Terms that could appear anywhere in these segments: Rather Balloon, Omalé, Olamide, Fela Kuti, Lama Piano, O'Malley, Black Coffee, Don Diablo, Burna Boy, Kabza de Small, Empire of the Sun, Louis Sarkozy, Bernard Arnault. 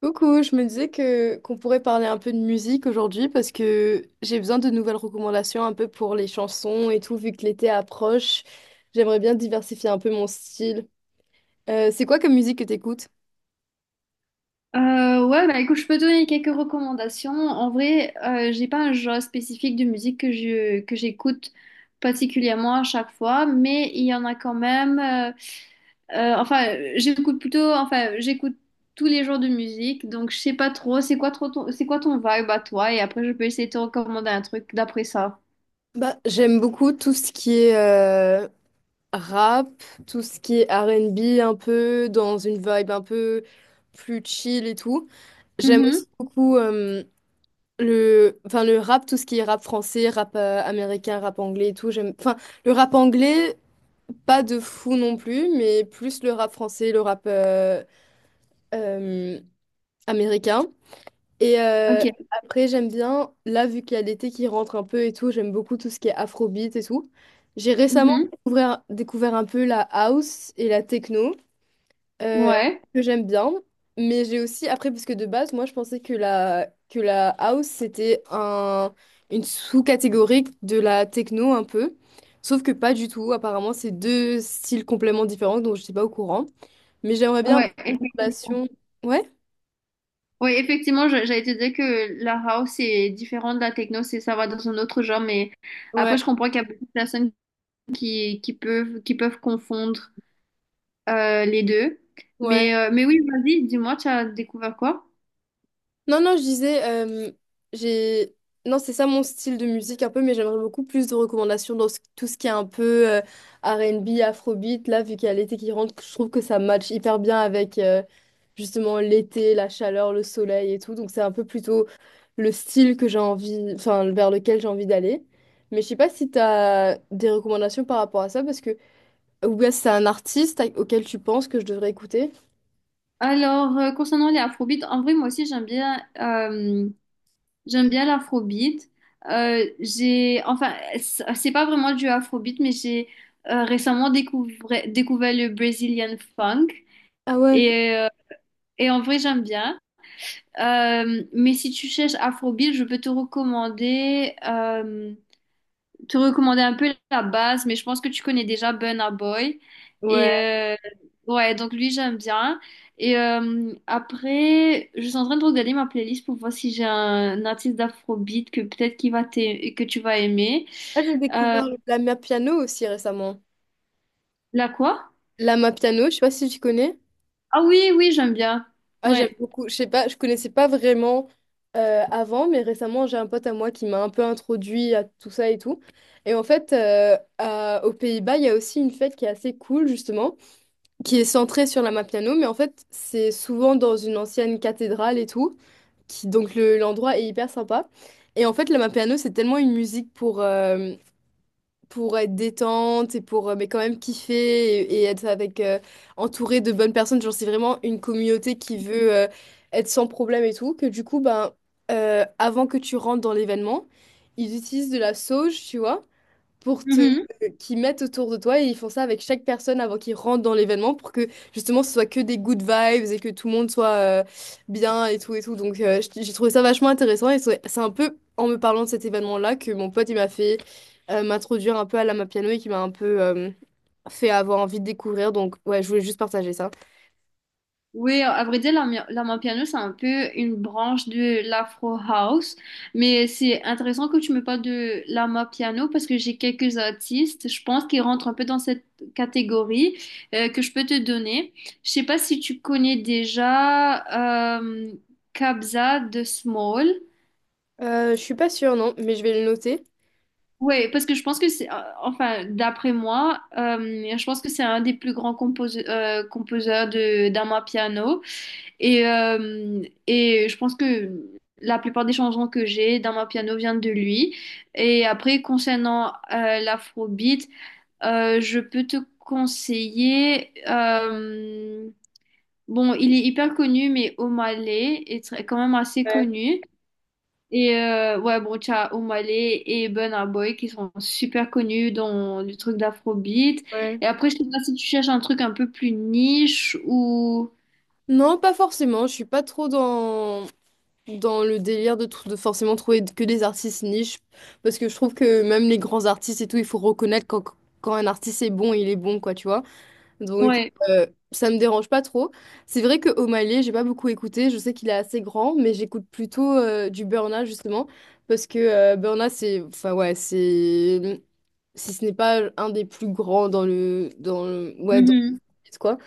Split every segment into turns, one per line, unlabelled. Coucou, je me disais que qu'on pourrait parler un peu de musique aujourd'hui parce que j'ai besoin de nouvelles recommandations un peu pour les chansons et tout, vu que l'été approche. J'aimerais bien diversifier un peu mon style. C'est quoi comme musique que t'écoutes?
Ouais, bah écoute, je peux te donner quelques recommandations. En vrai, j'ai pas un genre spécifique de musique que j'écoute particulièrement à chaque fois, mais il y en a quand même. Enfin, j'écoute plutôt. Enfin, j'écoute tous les genres de musique, donc je sais pas trop. C'est quoi ton vibe à toi? Et après, je peux essayer de te recommander un truc d'après ça.
Bah, j'aime beaucoup tout ce qui est rap, tout ce qui est R&B un peu, dans une vibe un peu plus chill et tout. J'aime
Mhm.
aussi beaucoup enfin, le rap, tout ce qui est rap français, rap américain, rap anglais et tout. J'aime, enfin, le rap anglais. Pas de fou non plus, mais plus le rap français, le rap euh, américain. Et
Ok.
après, j'aime bien, là, vu qu'il y a l'été qui rentre un peu et tout, j'aime beaucoup tout ce qui est afrobeat et tout. J'ai récemment
Mhm.
découvert un peu la house et la techno euh,
Ouais.
que j'aime bien. Mais j'ai aussi, après, parce que de base, moi, je pensais que la house, c'était une sous-catégorie de la techno un peu. Sauf que pas du tout. Apparemment, c'est deux styles complètement différents, donc je n'étais pas au courant. Mais j'aimerais bien un
Ouais.
peu une relation. Ouais?
Oui, effectivement, j'allais te dire que la house est différente de la techno, c'est ça va dans un autre genre, mais après
Ouais,
je comprends qu'il y a beaucoup de personnes qui peuvent confondre les deux.
ouais.
Mais oui, vas-y, dis-moi, tu as découvert quoi?
Non, non, je disais, j'ai... Non, c'est ça mon style de musique un peu, mais j'aimerais beaucoup plus de recommandations dans tout ce qui est un peu R&B, afrobeat. Là, vu qu'il y a l'été qui rentre, je trouve que ça match hyper bien avec justement l'été, la chaleur, le soleil et tout. Donc, c'est un peu plutôt le style que j'ai envie, enfin, vers lequel j'ai envie d'aller. Mais je sais pas si tu as des recommandations par rapport à ça, parce que, ou bien si c'est un artiste auquel tu penses que je devrais écouter.
Alors concernant les afrobeats, en vrai moi aussi j'aime bien l'afrobeat. J'ai enfin c'est pas vraiment du afrobeat, mais j'ai récemment découvert le Brazilian funk
Ah ouais,
et euh, et en vrai j'aime bien. Mais si tu cherches Afrobeat, je peux te recommander un peu la base, mais je pense que tu connais déjà Burna Boy. Et
ouais.
ouais, donc lui, j'aime bien. Et après, je suis en train de regarder ma playlist pour voir si j'ai un artiste d'Afrobeat que peut-être que tu vas aimer.
Ah, j'ai
Euh,
découvert la mère piano aussi récemment.
la quoi?
Lama Piano, je sais pas si tu connais.
Ah oui, oui, j'aime bien.
Ah, j'aime
Ouais.
beaucoup. Je sais pas, je connaissais pas vraiment avant, mais récemment, j'ai un pote à moi qui m'a un peu introduit à tout ça et tout. Et en fait, aux Pays-Bas, il y a aussi une fête qui est assez cool, justement, qui est centrée sur Lama Piano, mais en fait, c'est souvent dans une ancienne cathédrale et tout. Qui, donc, l'endroit est hyper sympa. Et en fait, Lama Piano, c'est tellement une musique pour être détente et pour mais quand même kiffer et être avec entouré de bonnes personnes. Genre, c'est vraiment une communauté qui veut être sans problème et tout. Que du coup, ben, avant que tu rentres dans l'événement, ils utilisent de la sauge, tu vois pour te
Mhm.
qu'ils mettent autour de toi et ils font ça avec chaque personne avant qu'ils rentrent dans l'événement pour que justement ce soit que des good vibes et que tout le monde soit bien et tout et tout. Donc j'ai trouvé ça vachement intéressant et c'est un peu en me parlant de cet événement-là que mon pote il m'a fait m'introduire un peu à la piano et qui m'a un peu fait avoir envie de découvrir. Donc ouais, je voulais juste partager ça.
Oui, à vrai dire, l'ampiano, c'est un peu une branche de l'afro house, mais c'est intéressant que tu me parles de l'ampiano parce que j'ai quelques artistes, je pense, qui rentrent un peu dans cette catégorie que je peux te donner. Je sais pas si tu connais déjà Kabza de Small.
Je suis pas sûre non, mais je vais le noter.
Oui, parce que je pense que c'est, enfin, d'après moi, je pense que c'est un des plus grands composeurs de d'amapiano. Et je pense que la plupart des chansons que j'ai dans ma piano viennent de lui. Et après, concernant l'afrobeat, je peux te conseiller. Bon, il est hyper connu, mais Omalé est quand même assez
Ouais,
connu. Et ouais, bon, tu as Omalé et Burna Boy qui sont super connus dans le truc d'afrobeat.
ouais.
Et après, je sais pas si tu cherches un truc un peu plus niche ou.
Non, pas forcément, je suis pas trop dans le délire de forcément trouver que des artistes niches, parce que je trouve que même les grands artistes et tout, il faut reconnaître quand un artiste est bon, il est bon, quoi, tu vois. Donc,
Ouais.
ça me dérange pas trop. C'est vrai que O'Malley, j'ai pas beaucoup écouté, je sais qu'il est assez grand, mais j'écoute plutôt du Burna, justement, parce que Burna, c'est, enfin, ouais, c'est, si ce n'est pas un des plus grands dans le, ouais, dans
Mhm.
quoi.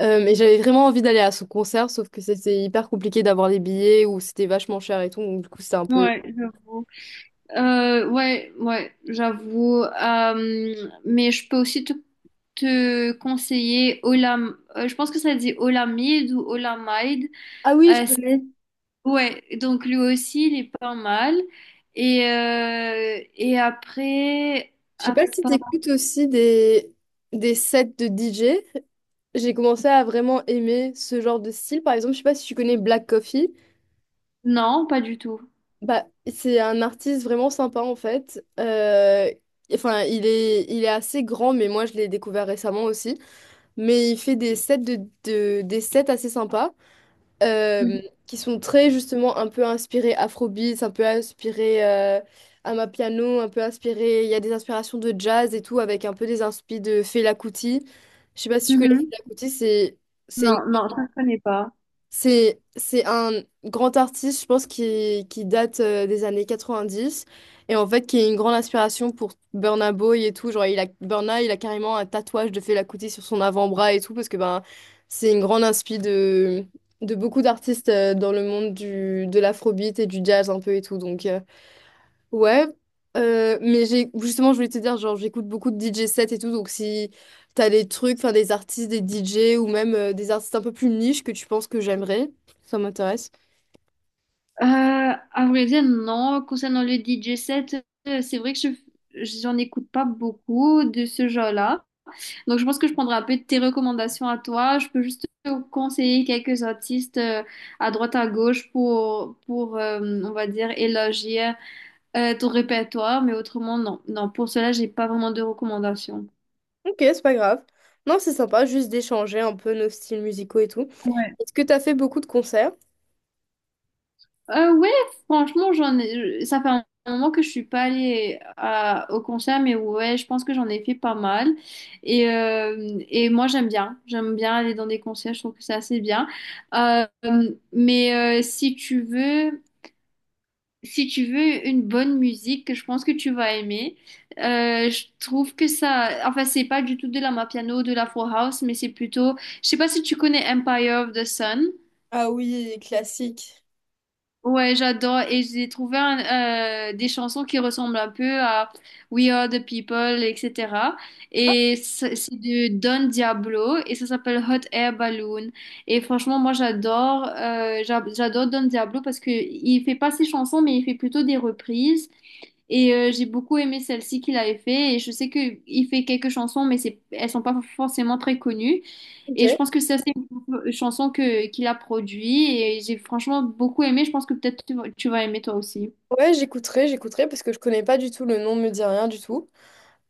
Mais j'avais vraiment envie d'aller à son concert, sauf que c'était hyper compliqué d'avoir les billets ou c'était vachement cher et tout. Donc, du coup, c'était un peu.
Ouais, je vois. Ouais, ouais, j'avoue. Mais je peux aussi te conseiller Olam. Je pense que ça dit Olamide ou Olamide.
Ah oui, je
Euh, c'est-
connais.
ouais, donc lui aussi, il est pas mal. Et après.
Je sais
à
pas si
part-
t'écoutes aussi des sets de DJ. J'ai commencé à vraiment aimer ce genre de style. Par exemple, je sais pas si tu connais Black Coffee.
non, pas du tout.
Bah, c'est un artiste vraiment sympa en fait. Enfin, il est assez grand, mais moi je l'ai découvert récemment aussi. Mais il fait des sets des sets assez sympas.
Mhm.
euh, qui sont très justement un peu inspirés afrobeats, un peu inspirés Amapiano, un peu inspirés. Il y a des inspirations de jazz et tout, avec un peu des inspirations de Fela Kuti. Je sais pas si tu connais
Mhm.
Fela Kuti, c'est
Non, non, ça, je connais pas.
c'est un grand artiste, je pense, qui date des années 90 et en fait qui est une grande inspiration pour Burna Boy et tout. Genre, il a, Burna, il a carrément un tatouage de Fela Kuti sur son avant-bras et tout parce que ben, c'est une grande inspi de beaucoup d'artistes dans le monde du, de l'afrobeat et du jazz un peu et tout. Donc, ouais, mais j'ai justement, je voulais te dire, genre, j'écoute beaucoup de DJ sets et tout, donc si t'as des trucs, enfin des artistes, des DJ ou même des artistes un peu plus niche que tu penses que j'aimerais, ça m'intéresse.
À vrai dire, non. Concernant le DJ set, c'est vrai que j'en écoute pas beaucoup de ce genre-là. Donc, je pense que je prendrai un peu de tes recommandations à toi. Je peux juste te conseiller quelques artistes à droite, à gauche pour on va dire, élargir ton répertoire. Mais autrement, non. Non, pour cela, j'ai pas vraiment de recommandations.
Ok, c'est pas grave. Non, c'est sympa, juste d'échanger un peu nos styles musicaux et tout.
Ouais.
Est-ce que t'as fait beaucoup de concerts?
Ouais, franchement, ça fait un moment que je suis pas allée au concert, mais ouais, je pense que j'en ai fait pas mal. Et moi, j'aime bien. J'aime bien aller dans des concerts, je trouve que c'est assez bien. Euh, mais si tu veux une bonne musique que je pense que tu vas aimer, je trouve que ça, enfin c'est pas du tout de la Mapiano, de la Four House, mais c'est plutôt, je sais pas si tu connais Empire of the Sun.
Ah oui, classique.
Ouais, j'adore et j'ai trouvé des chansons qui ressemblent un peu à We Are the People, etc. Et c'est de Don Diablo et ça s'appelle Hot Air Balloon. Et franchement, moi j'adore Don Diablo parce que il fait pas ses chansons, mais il fait plutôt des reprises. Et j'ai beaucoup aimé celle-ci qu'il avait fait. Et je sais qu'il fait quelques chansons, mais elles sont pas forcément très connues.
Ok.
Et je pense que ça, c'est une chanson qu'il a produit. Et j'ai franchement beaucoup aimé. Je pense que peut-être tu vas aimer toi aussi.
Ouais, j'écouterai, j'écouterai parce que je connais pas du tout le nom, me dit rien du tout.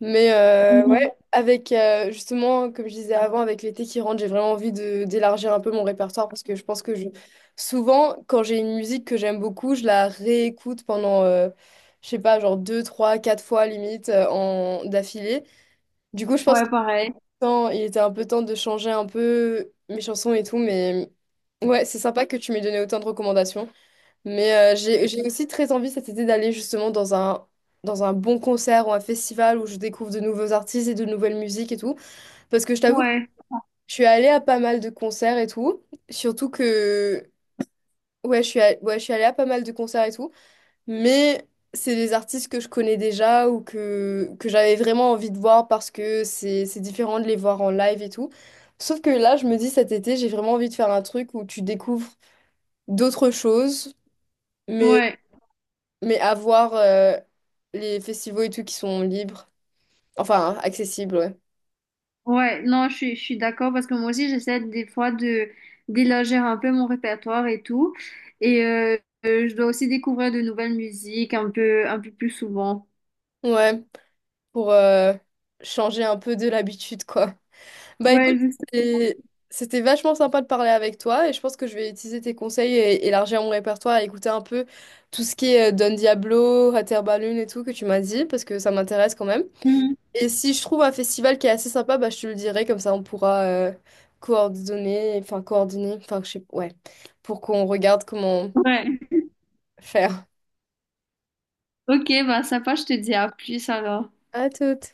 Mais
Mhm.
ouais, avec justement, comme je disais avant, avec l'été qui rentre, j'ai vraiment envie de d'élargir un peu mon répertoire parce que je pense que je... souvent, quand j'ai une musique que j'aime beaucoup, je la réécoute pendant, je sais pas, genre deux, trois, quatre fois limite d'affilée. Du coup, je pense
Ouais,
qu'
pareil.
il était un peu temps de changer un peu mes chansons et tout, mais ouais, c'est sympa que tu m'aies donné autant de recommandations. Mais j'ai aussi très envie cet été d'aller justement dans un, bon concert ou un festival où je découvre de nouveaux artistes et de nouvelles musiques et tout. Parce que je t'avoue que
Ouais,
je suis allée à pas mal de concerts et tout. Surtout que... Ouais, je suis allée, ouais, je suis allée à pas mal de concerts et tout. Mais c'est des artistes que je connais déjà ou que j'avais vraiment envie de voir parce que c'est différent de les voir en live et tout. Sauf que là, je me dis cet été, j'ai vraiment envie de faire un truc où tu découvres d'autres choses.
ouais,
Mais avoir les festivals et tout qui sont libres. Enfin, accessibles, ouais.
Ouais, non, je suis d'accord parce que moi aussi, j'essaie des fois de d'élargir un peu mon répertoire et tout. Et je dois aussi découvrir de nouvelles musiques un peu plus souvent.
Ouais, pour changer un peu de l'habitude, quoi. Bah écoute,
Ouais, je sais.
c'était c'était vachement sympa de parler avec toi et je pense que je vais utiliser tes conseils et élargir mon répertoire et écouter un peu tout ce qui est Don Diablo, Rather Balloon et tout que tu m'as dit parce que ça m'intéresse quand même.
Mhm.
Et si je trouve un festival qui est assez sympa, bah je te le dirai, comme ça on pourra coordonner, enfin je sais, ouais, pour qu'on regarde comment
Ouais.
faire.
Ok, bah sympa, je te dis à plus alors.
À toutes.